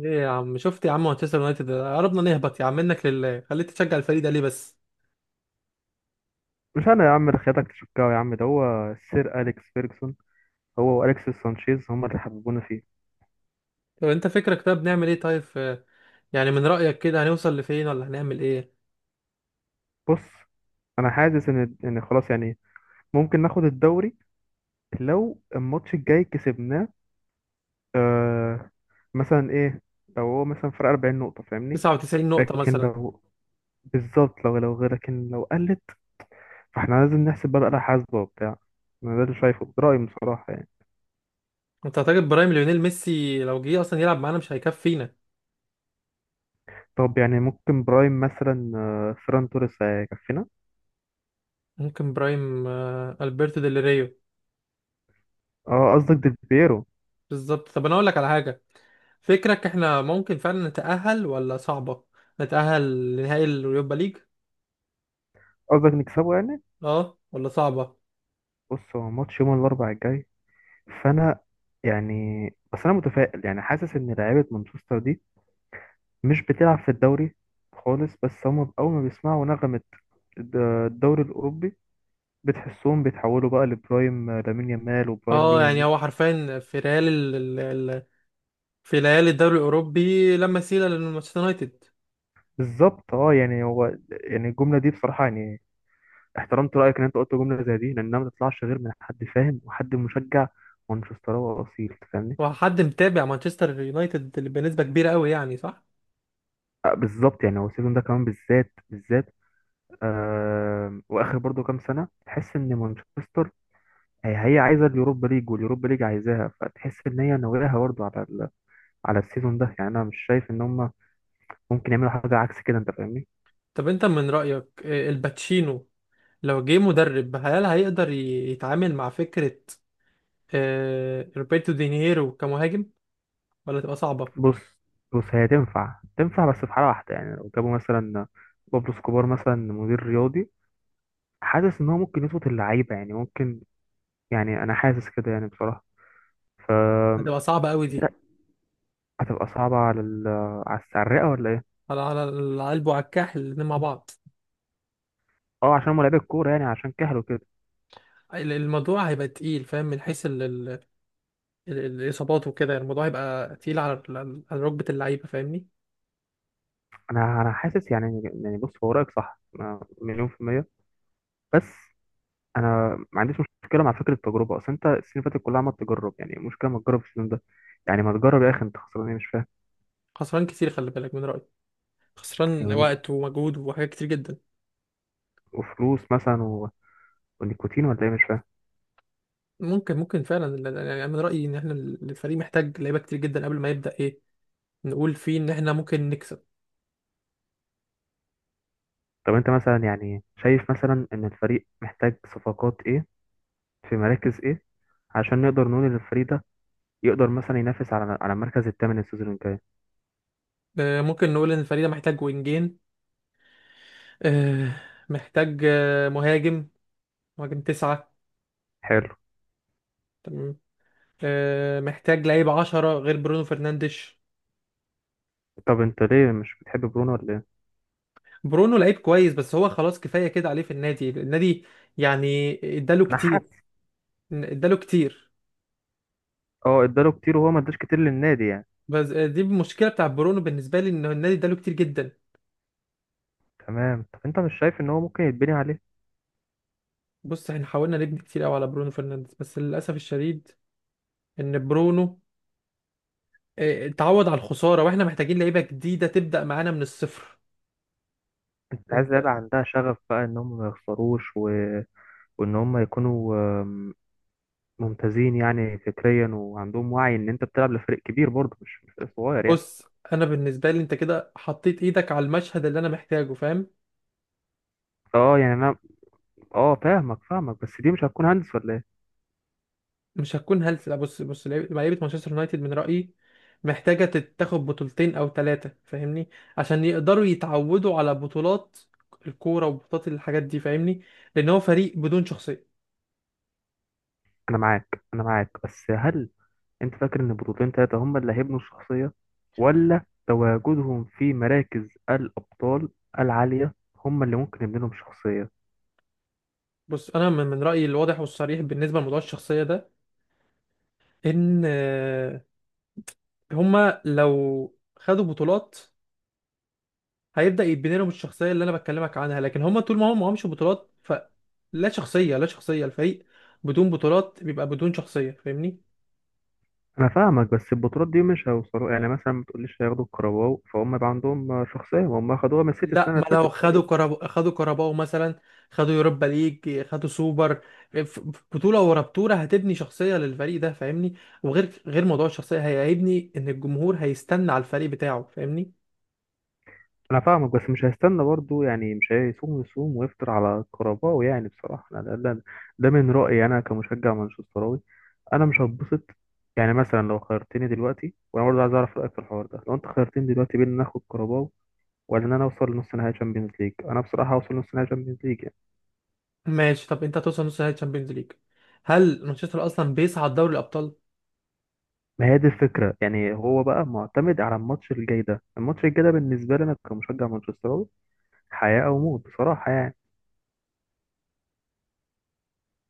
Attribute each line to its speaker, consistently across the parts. Speaker 1: ايه يا عم، شفت يا عم؟ مانشستر يونايتد قربنا نهبط. يا عم منك لله، خليك تشجع الفريق ده ليه بس؟
Speaker 2: مش انا يا عم اللي خياتك تشكاو، يا عم ده هو السير اليكس فيرجسون. هو واليكسيس سانشيز هما اللي حببونا فيه.
Speaker 1: طب انت فكرك، طب نعمل ايه طيب؟ في. يعني من رأيك كده هنوصل لفين، ولا هنعمل ايه؟
Speaker 2: بص، انا حاسس ان خلاص يعني ممكن ناخد الدوري لو الماتش الجاي كسبناه. آه مثلا ايه؟ لو هو مثلا فرق 40 نقطة، فاهمني؟
Speaker 1: 99 نقطة
Speaker 2: لكن
Speaker 1: مثلا.
Speaker 2: لو بالظبط، لو غير، لكن لو قلت فاحنا لازم نحسب بقى حاسبة وبتاع. انا ده اللي شايفه، ده رأيي بصراحة يعني.
Speaker 1: انت هتجيب برايم ليونيل ميسي؟ لو جه اصلا يلعب معانا مش هيكفينا.
Speaker 2: طب يعني ممكن برايم مثلا، فيران توريس هيكفينا.
Speaker 1: ممكن برايم، البرتو ديل ريو.
Speaker 2: اه، قصدك ديل بيرو.
Speaker 1: بالظبط. طب انا اقول لك على حاجة. فكرك احنا ممكن فعلا نتأهل، ولا صعبة؟ نتأهل لنهائي اليوروبا ليج.
Speaker 2: قصدك نكسبه يعني.
Speaker 1: اه، ولا صعبة؟
Speaker 2: بص، هو ماتش يوم الاربعاء الجاي، فانا يعني، بس انا متفائل يعني، حاسس ان لعيبه مانشستر دي مش بتلعب في الدوري خالص، بس هم اول ما بيسمعوا نغمه الد- الدوري الاوروبي بتحسهم بيتحولوا بقى لبرايم لامين يامال وبرايم
Speaker 1: اه،
Speaker 2: ليونيل
Speaker 1: يعني هو
Speaker 2: ميسي.
Speaker 1: حرفيا، في ريال في ليالي الدوري الاوروبي لا مثيل لمانشستر يونايتد.
Speaker 2: بالظبط، اه يعني هو، يعني الجمله دي بصراحه يعني احترمت رايك ان انت قلت جمله زي دي، لانها ما تطلعش غير من حد فاهم وحد مشجع مانشستراوي اصيل، تفهمني؟
Speaker 1: وحد متابع مانشستر يونايتد اللي بنسبه كبيره قوي، يعني صح؟
Speaker 2: آه، بالظبط، يعني هو السيزون ده كمان بالذات بالذات. واخر برضو كام سنه تحس ان مانشستر هي عايزه اليوروبا ليج واليوروبا ليج عايزاها، فتحس ان هي ناويها برضو على السيزون ده. يعني انا مش شايف ان هم ممكن يعملوا حاجه عكس كده، انت فاهمني؟
Speaker 1: طب انت من رايك، الباتشينو، لو جه مدرب هل هيقدر يتعامل مع فكره روبرتو دينيرو كمهاجم؟ ولا تبقى صعبه؟
Speaker 2: بص بص، هي تنفع تنفع بس في حاله واحده، يعني لو جابوا مثلا بابلو سكوبار مثلا مدير رياضي، حاسس ان هو ممكن يظبط اللعيبه، يعني ممكن، يعني انا حاسس كده يعني بصراحه. ف
Speaker 1: هتبقى صعبه قوي دي.
Speaker 2: هتبقى صعبه على السعرقه ولا ايه.
Speaker 1: على القلب وعلى الكاحل الاتنين مع بعض.
Speaker 2: اه، عشان هم لعيبه الكوره، يعني عشان كهلوا كده.
Speaker 1: الموضوع هيبقى تقيل، فاهم؟ من حيث الاصابات وكده، الموضوع هيبقى تقيل على ركبه اللعيبه، فاهمني؟
Speaker 2: انا حاسس يعني بص، هو رايك صح، أنا مليون في المية. بس انا ما عنديش مشكلة مع فكرة التجربة، اصل انت السنين اللي فاتت كلها عمال تجرب، يعني مشكلة ما تجرب السنين ده، يعني ما تجرب يا اخي، انت خسران ايه؟ مش فاهم.
Speaker 1: خسران كتير، خلي بالك من رايي. خسران
Speaker 2: يعني
Speaker 1: وقت ومجهود وحاجات كتير جدا.
Speaker 2: وفلوس مثلا ونيكوتين ولا ايه؟ مش فاهم.
Speaker 1: ممكن فعلا، يعني من رأيي ان احنا، الفريق محتاج لعيبة كتير جدا قبل ما يبدأ ايه. نقول فيه ان احنا ممكن نكسب.
Speaker 2: طب انت مثلا يعني شايف مثلا ان الفريق محتاج صفقات ايه؟ في مراكز ايه؟ عشان نقدر نقول ان الفريق ده يقدر مثلا ينافس على المركز الثامن السيزون الجاي.
Speaker 1: ممكن نقول ان الفريق ده محتاج وينجين. آه، محتاج مهاجم. مهاجم تسعة.
Speaker 2: حلو.
Speaker 1: تمام. محتاج لعيب 10 غير برونو فرنانديش.
Speaker 2: طب انت ليه مش بتحب برونو ولا ايه؟
Speaker 1: برونو لعيب كويس، بس هو خلاص كفاية كده عليه في النادي. يعني اداله
Speaker 2: انا حاسس.
Speaker 1: كتير. اداله كتير.
Speaker 2: اه، اداله كتير وهو ما اداش كتير للنادي يعني.
Speaker 1: بس دي المشكلة بتاع برونو بالنسبة لي، ان النادي اداله كتير جدا.
Speaker 2: تمام، طب انت مش شايف ان هو ممكن يتبني عليه؟
Speaker 1: بص، احنا حاولنا نبني كتير قوي على برونو فرنانديز، بس للاسف الشديد ان برونو اه، اتعود على الخساره، واحنا محتاجين لعيبه جديده تبدا معانا من الصفر.
Speaker 2: انت عايز
Speaker 1: انت.
Speaker 2: لعيبه عندها شغف بقى ان هم ما يخسروش، وان هم يكونوا آم، ممتازين يعني فكريا، وعندهم وعي ان انت بتلعب لفريق كبير برضه، مش فريق صغير يعني.
Speaker 1: بص، انا بالنسبه لي انت كده حطيت ايدك على المشهد اللي انا محتاجه، فاهم؟
Speaker 2: اه يعني انا، اه، فاهمك فاهمك بس دي مش هتكون هندس ولا ايه؟
Speaker 1: مش هتكون هلس. لا، بص، لعيبة مانشستر يونايتد من رايي محتاجه تتاخد بطولتين او ثلاثه، فاهمني؟ عشان يقدروا يتعودوا على بطولات الكوره وبطولات الحاجات دي، فاهمني؟ لان هو فريق بدون شخصيه.
Speaker 2: انا معاك انا معاك، بس هل انت فاكر ان بطولتين تلاتة هم اللي هيبنوا الشخصيه، ولا تواجدهم في مراكز الابطال العاليه هم اللي ممكن يبنوا لهم شخصيه؟
Speaker 1: بص، انا من رايي الواضح والصريح بالنسبه لموضوع الشخصيه ده، ان هما لو خدوا بطولات هيبدأ يتبني لهم الشخصية اللي انا بكلمك عنها، لكن هما طول ما هم معهمش بطولات فلا شخصية، لا شخصية. الفريق بدون بطولات بيبقى بدون شخصية، فاهمني؟
Speaker 2: انا فاهمك، بس البطولات دي مش هيوصلوا يعني، مثلا ما تقوليش هياخدوا الكرباو فهم يبقى عندهم شخصيه، هم خدوها من السيتي
Speaker 1: لا،
Speaker 2: السنه اللي
Speaker 1: ما لو
Speaker 2: فاتت تقريبا.
Speaker 1: خدوا كرباو مثلا، خدوا يوروبا ليج، خدوا سوبر، ف- بطولة ورا بطولة هتبني شخصية للفريق ده، فاهمني؟ وغير غير موضوع الشخصية هيبني ان الجمهور هيستنى على الفريق بتاعه، فاهمني؟
Speaker 2: انا فاهمك بس مش هيستنى برضو، يعني مش هيصوم يصوم ويفطر على الكرباو، يعني بصراحه أنا ده من رايي انا كمشجع مانشستراوي. انا مش هتبسط، يعني مثلا لو خيرتني دلوقتي، وانا برضو عايز اعرف رايك في الحوار ده، لو انت خيرتني دلوقتي بين ان اخد كرباو ولا ان انا اوصل لنص نهائي تشامبيونز ليج، انا بصراحه هوصل لنص نهائي تشامبيونز ليج.
Speaker 1: ماشي. طب انت هتوصل نص نهائي تشامبيونز ليج؟ هل مانشستر اصلا بيصعد دوري الابطال؟
Speaker 2: ما هي دي الفكرة، يعني هو بقى معتمد على الماتش الجاي ده. الماتش الجاي ده بالنسبة لي أنا كمشجع مانشستراوي حياة أو موت بصراحة يعني.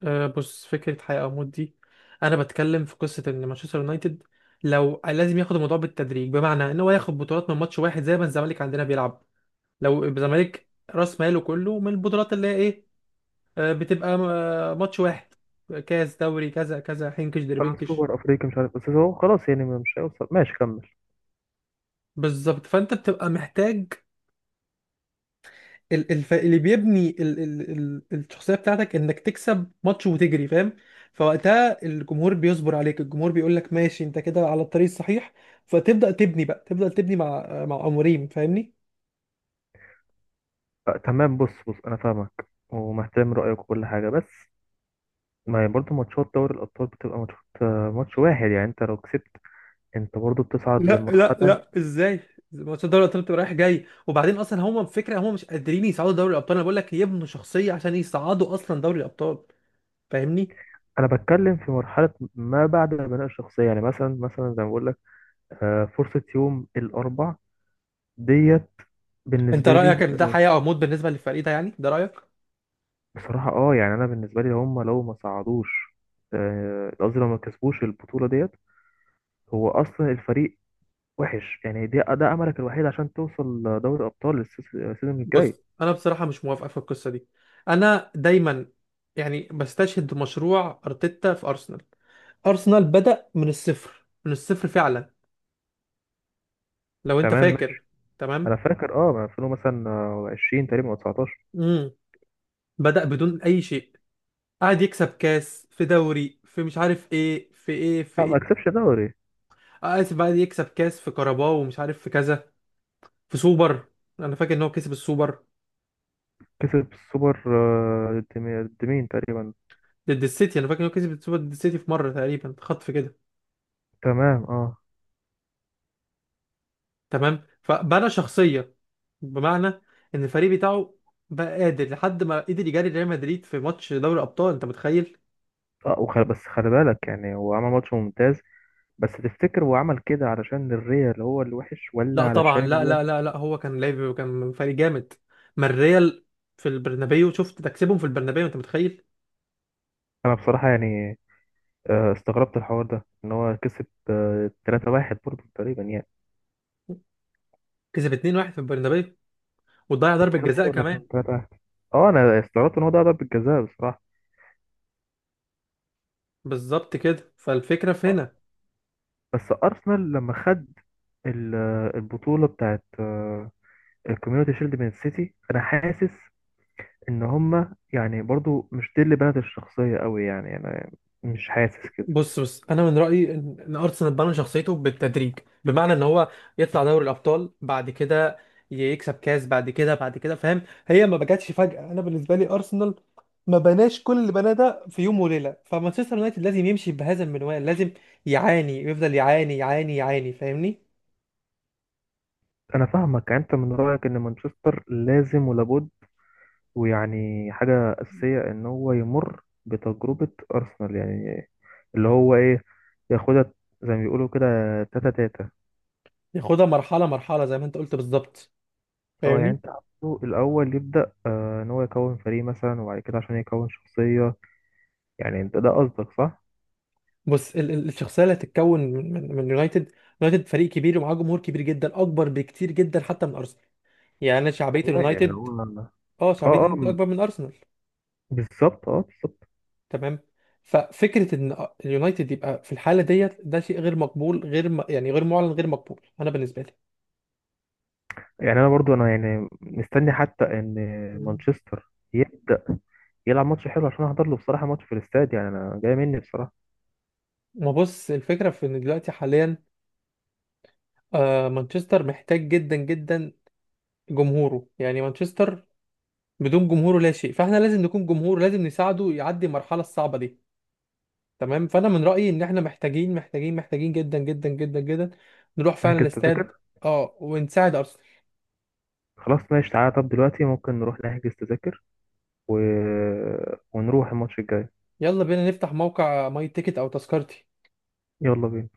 Speaker 1: آه، بص، فكره حياه او موت دي، انا بتكلم في قصه ان مانشستر يونايتد، لازم ياخد الموضوع بالتدريج، بمعنى ان هو ياخد بطولات من ماتش واحد زي ما الزمالك عندنا بيلعب. لو الزمالك راس ماله كله من البطولات اللي هي ايه؟ بتبقى ماتش واحد، كاس، دوري، كذا كذا، حنكش
Speaker 2: آه،
Speaker 1: دربنكش.
Speaker 2: سوبر أفريقيا، مش عارف، بس هو خلاص يعني مش هيوصل، ماشي كمل.
Speaker 1: بالظبط، فانت بتبقى محتاج اللي بيبني الشخصيه بتاعتك، انك تكسب ماتش وتجري، فاهم؟ فوقتها الجمهور بيصبر عليك، الجمهور بيقول لك ماشي، انت كده على الطريق الصحيح. فتبدا تبني بقى، تبدا تبني مع اموريم، فاهمني؟
Speaker 2: آه، تمام، بص بص، أنا فاهمك ومحترم رأيك وكل حاجة، بس ما هي برضه ماتشات دوري الأبطال بتبقى ماتشات، ماتش واحد، يعني أنت لو كسبت أنت برضه بتصعد
Speaker 1: لا لا
Speaker 2: لمرحلة تانية.
Speaker 1: لا، ازاي؟ ماتش دوري الابطال بتبقى رايح جاي، وبعدين اصلا هم الفكره، هم مش قادرين يصعدوا دوري الابطال، انا بقول لك يبنوا شخصيه عشان يصعدوا اصلا دوري الابطال، فاهمني؟
Speaker 2: أنا بتكلم في مرحلة ما بعد البناء الشخصية، يعني مثلا زي ما بقول لك، فرصة يوم الأربع ديت
Speaker 1: انت
Speaker 2: بالنسبة
Speaker 1: رايك
Speaker 2: لي.
Speaker 1: ان ده حياه او موت بالنسبه للفريق ده؟ يعني ده رايك؟
Speaker 2: بصراحة اه يعني انا بالنسبة لي هم لو ما صعدوش، آه، قصدي لو ما كسبوش البطولة ديت، هو اصلا الفريق وحش يعني، ده املك الوحيد عشان توصل دوري ابطال السيزون
Speaker 1: بص،
Speaker 2: الجاي.
Speaker 1: انا بصراحه مش موافق في القصه دي. انا دايما يعني بستشهد مشروع ارتيتا في ارسنال. ارسنال بدا من الصفر، من الصفر فعلا، لو انت
Speaker 2: تمام،
Speaker 1: فاكر.
Speaker 2: ماشي. انا
Speaker 1: تمام.
Speaker 2: فاكر اه ما 2000 مثلا، 20 تقريبا او 19.
Speaker 1: امم بدا بدون اي شيء. قعد يكسب كاس في دوري، في مش عارف ايه، في ايه في
Speaker 2: لا ما
Speaker 1: ايه.
Speaker 2: كسبش دوري.
Speaker 1: اسف، قعد يكسب كاس في كاراباو ومش عارف في كذا، في سوبر. انا فاكر ان هو كسب السوبر.
Speaker 2: كسب السوبر. آه، ضد ضد مين تقريبا؟
Speaker 1: ضد السيتي، انا فاكر ان هو كسب السوبر ضد السيتي في مره تقريبا، خطف كده.
Speaker 2: تمام اه.
Speaker 1: تمام، فبنى شخصيه، بمعنى ان الفريق بتاعه بقى قادر، لحد ما قدر يجاري ريال مدريد في ماتش دوري ابطال، انت متخيل؟
Speaker 2: اه بس خلي بالك، يعني هو عمل ماتش ممتاز، بس تفتكر هو عمل كده علشان الريال هو اللي وحش ولا
Speaker 1: لا طبعا،
Speaker 2: علشان
Speaker 1: لا
Speaker 2: هو.
Speaker 1: لا لا لا، هو كان لاعب، كان فريق جامد. ما الريال، في البرنابيو، شفت؟ تكسبهم في البرنابيو، انت متخيل؟
Speaker 2: انا بصراحة يعني، استغربت الحوار ده ان هو كسب، 3-1 برضه تقريبا يعني.
Speaker 1: كسب 2-1 في البرنابيو، وضيع ضربه
Speaker 2: 2-1
Speaker 1: جزاء
Speaker 2: ولا
Speaker 1: كمان.
Speaker 2: كان 3-1؟ اه انا استغربت ان هو ده ضربة جزاء بصراحة.
Speaker 1: بالظبط كده، فالفكره في
Speaker 2: آه،
Speaker 1: هنا.
Speaker 2: بس ارسنال لما خد البطولة بتاعت الكوميونتي شيلد من السيتي، انا حاسس ان هما يعني برضه مش دي اللي بنت الشخصية قوي، يعني انا مش حاسس كده.
Speaker 1: بص، انا من رايي ان ارسنال بنى شخصيته بالتدريج، بمعنى ان هو يطلع دوري الابطال بعد كده، يكسب كاس بعد كده بعد كده، فاهم؟ هي ما بجاتش فجاه. انا بالنسبه لي ارسنال ما بناش كل اللي بناه ده في يوم وليله. فمانشستر يونايتد لازم يمشي بهذا المنوال، لازم يعاني، يفضل يعاني يعاني يعاني، فاهمني؟
Speaker 2: انا فاهمك، يعني انت من رأيك ان مانشستر لازم ولابد ويعني حاجة أساسية ان هو يمر بتجربة أرسنال، يعني اللي هو ايه، ياخدها زي ما بيقولوا كده، تاتا تاتا.
Speaker 1: ياخدها مرحله مرحله زي ما انت قلت بالظبط،
Speaker 2: اه، يعني
Speaker 1: فاهمني؟
Speaker 2: انت عاوزه الاول يبدأ، ان هو يكون فريق مثلا، وبعد كده عشان يكون شخصية، يعني انت ده قصدك صح؟
Speaker 1: بص، ال الشخصيه اللي هتتكون من يونايتد. يونايتد فريق كبير ومعاه جمهور كبير جدا، اكبر بكتير جدا حتى من ارسنال، يعني انا شعبيه
Speaker 2: طبيعي، يعني
Speaker 1: اليونايتد.
Speaker 2: هو اه.
Speaker 1: اه، شعبيه
Speaker 2: اه
Speaker 1: اليونايتد
Speaker 2: م-
Speaker 1: اكبر من ارسنال.
Speaker 2: بالظبط، اه، بالظبط.
Speaker 1: تمام. ففكره ان اليونايتد يبقى في الحاله ديت، ده شيء غير مقبول، غير م... يعني غير معلن، غير مقبول، انا بالنسبه لي.
Speaker 2: يعني انا برضو انا يعني مستني حتى ان
Speaker 1: مم.
Speaker 2: مانشستر يبدأ يلعب ماتش حلو عشان احضر له بصراحة، ماتش في الاستاد، يعني انا جاي مني بصراحة.
Speaker 1: ما بص، الفكرة في إن دلوقتي حاليا، مانشستر محتاج جدا جدا جمهوره، يعني مانشستر بدون جمهوره لا شيء، فاحنا لازم نكون جمهور، لازم نساعده يعدي المرحلة الصعبة دي. تمام، فأنا من رأيي إن احنا محتاجين محتاجين محتاجين جدا جدا جدا جدا نروح فعلا
Speaker 2: هحجز
Speaker 1: الاستاد.
Speaker 2: تذاكر.
Speaker 1: اه، ونساعد أرسنال.
Speaker 2: خلاص ماشي، تعالى، طب دلوقتي ممكن نروح نحجز تذاكر و... ونروح الماتش الجاي.
Speaker 1: يلا بينا نفتح موقع ماي تيكت او تذكرتي.
Speaker 2: يلا بينا.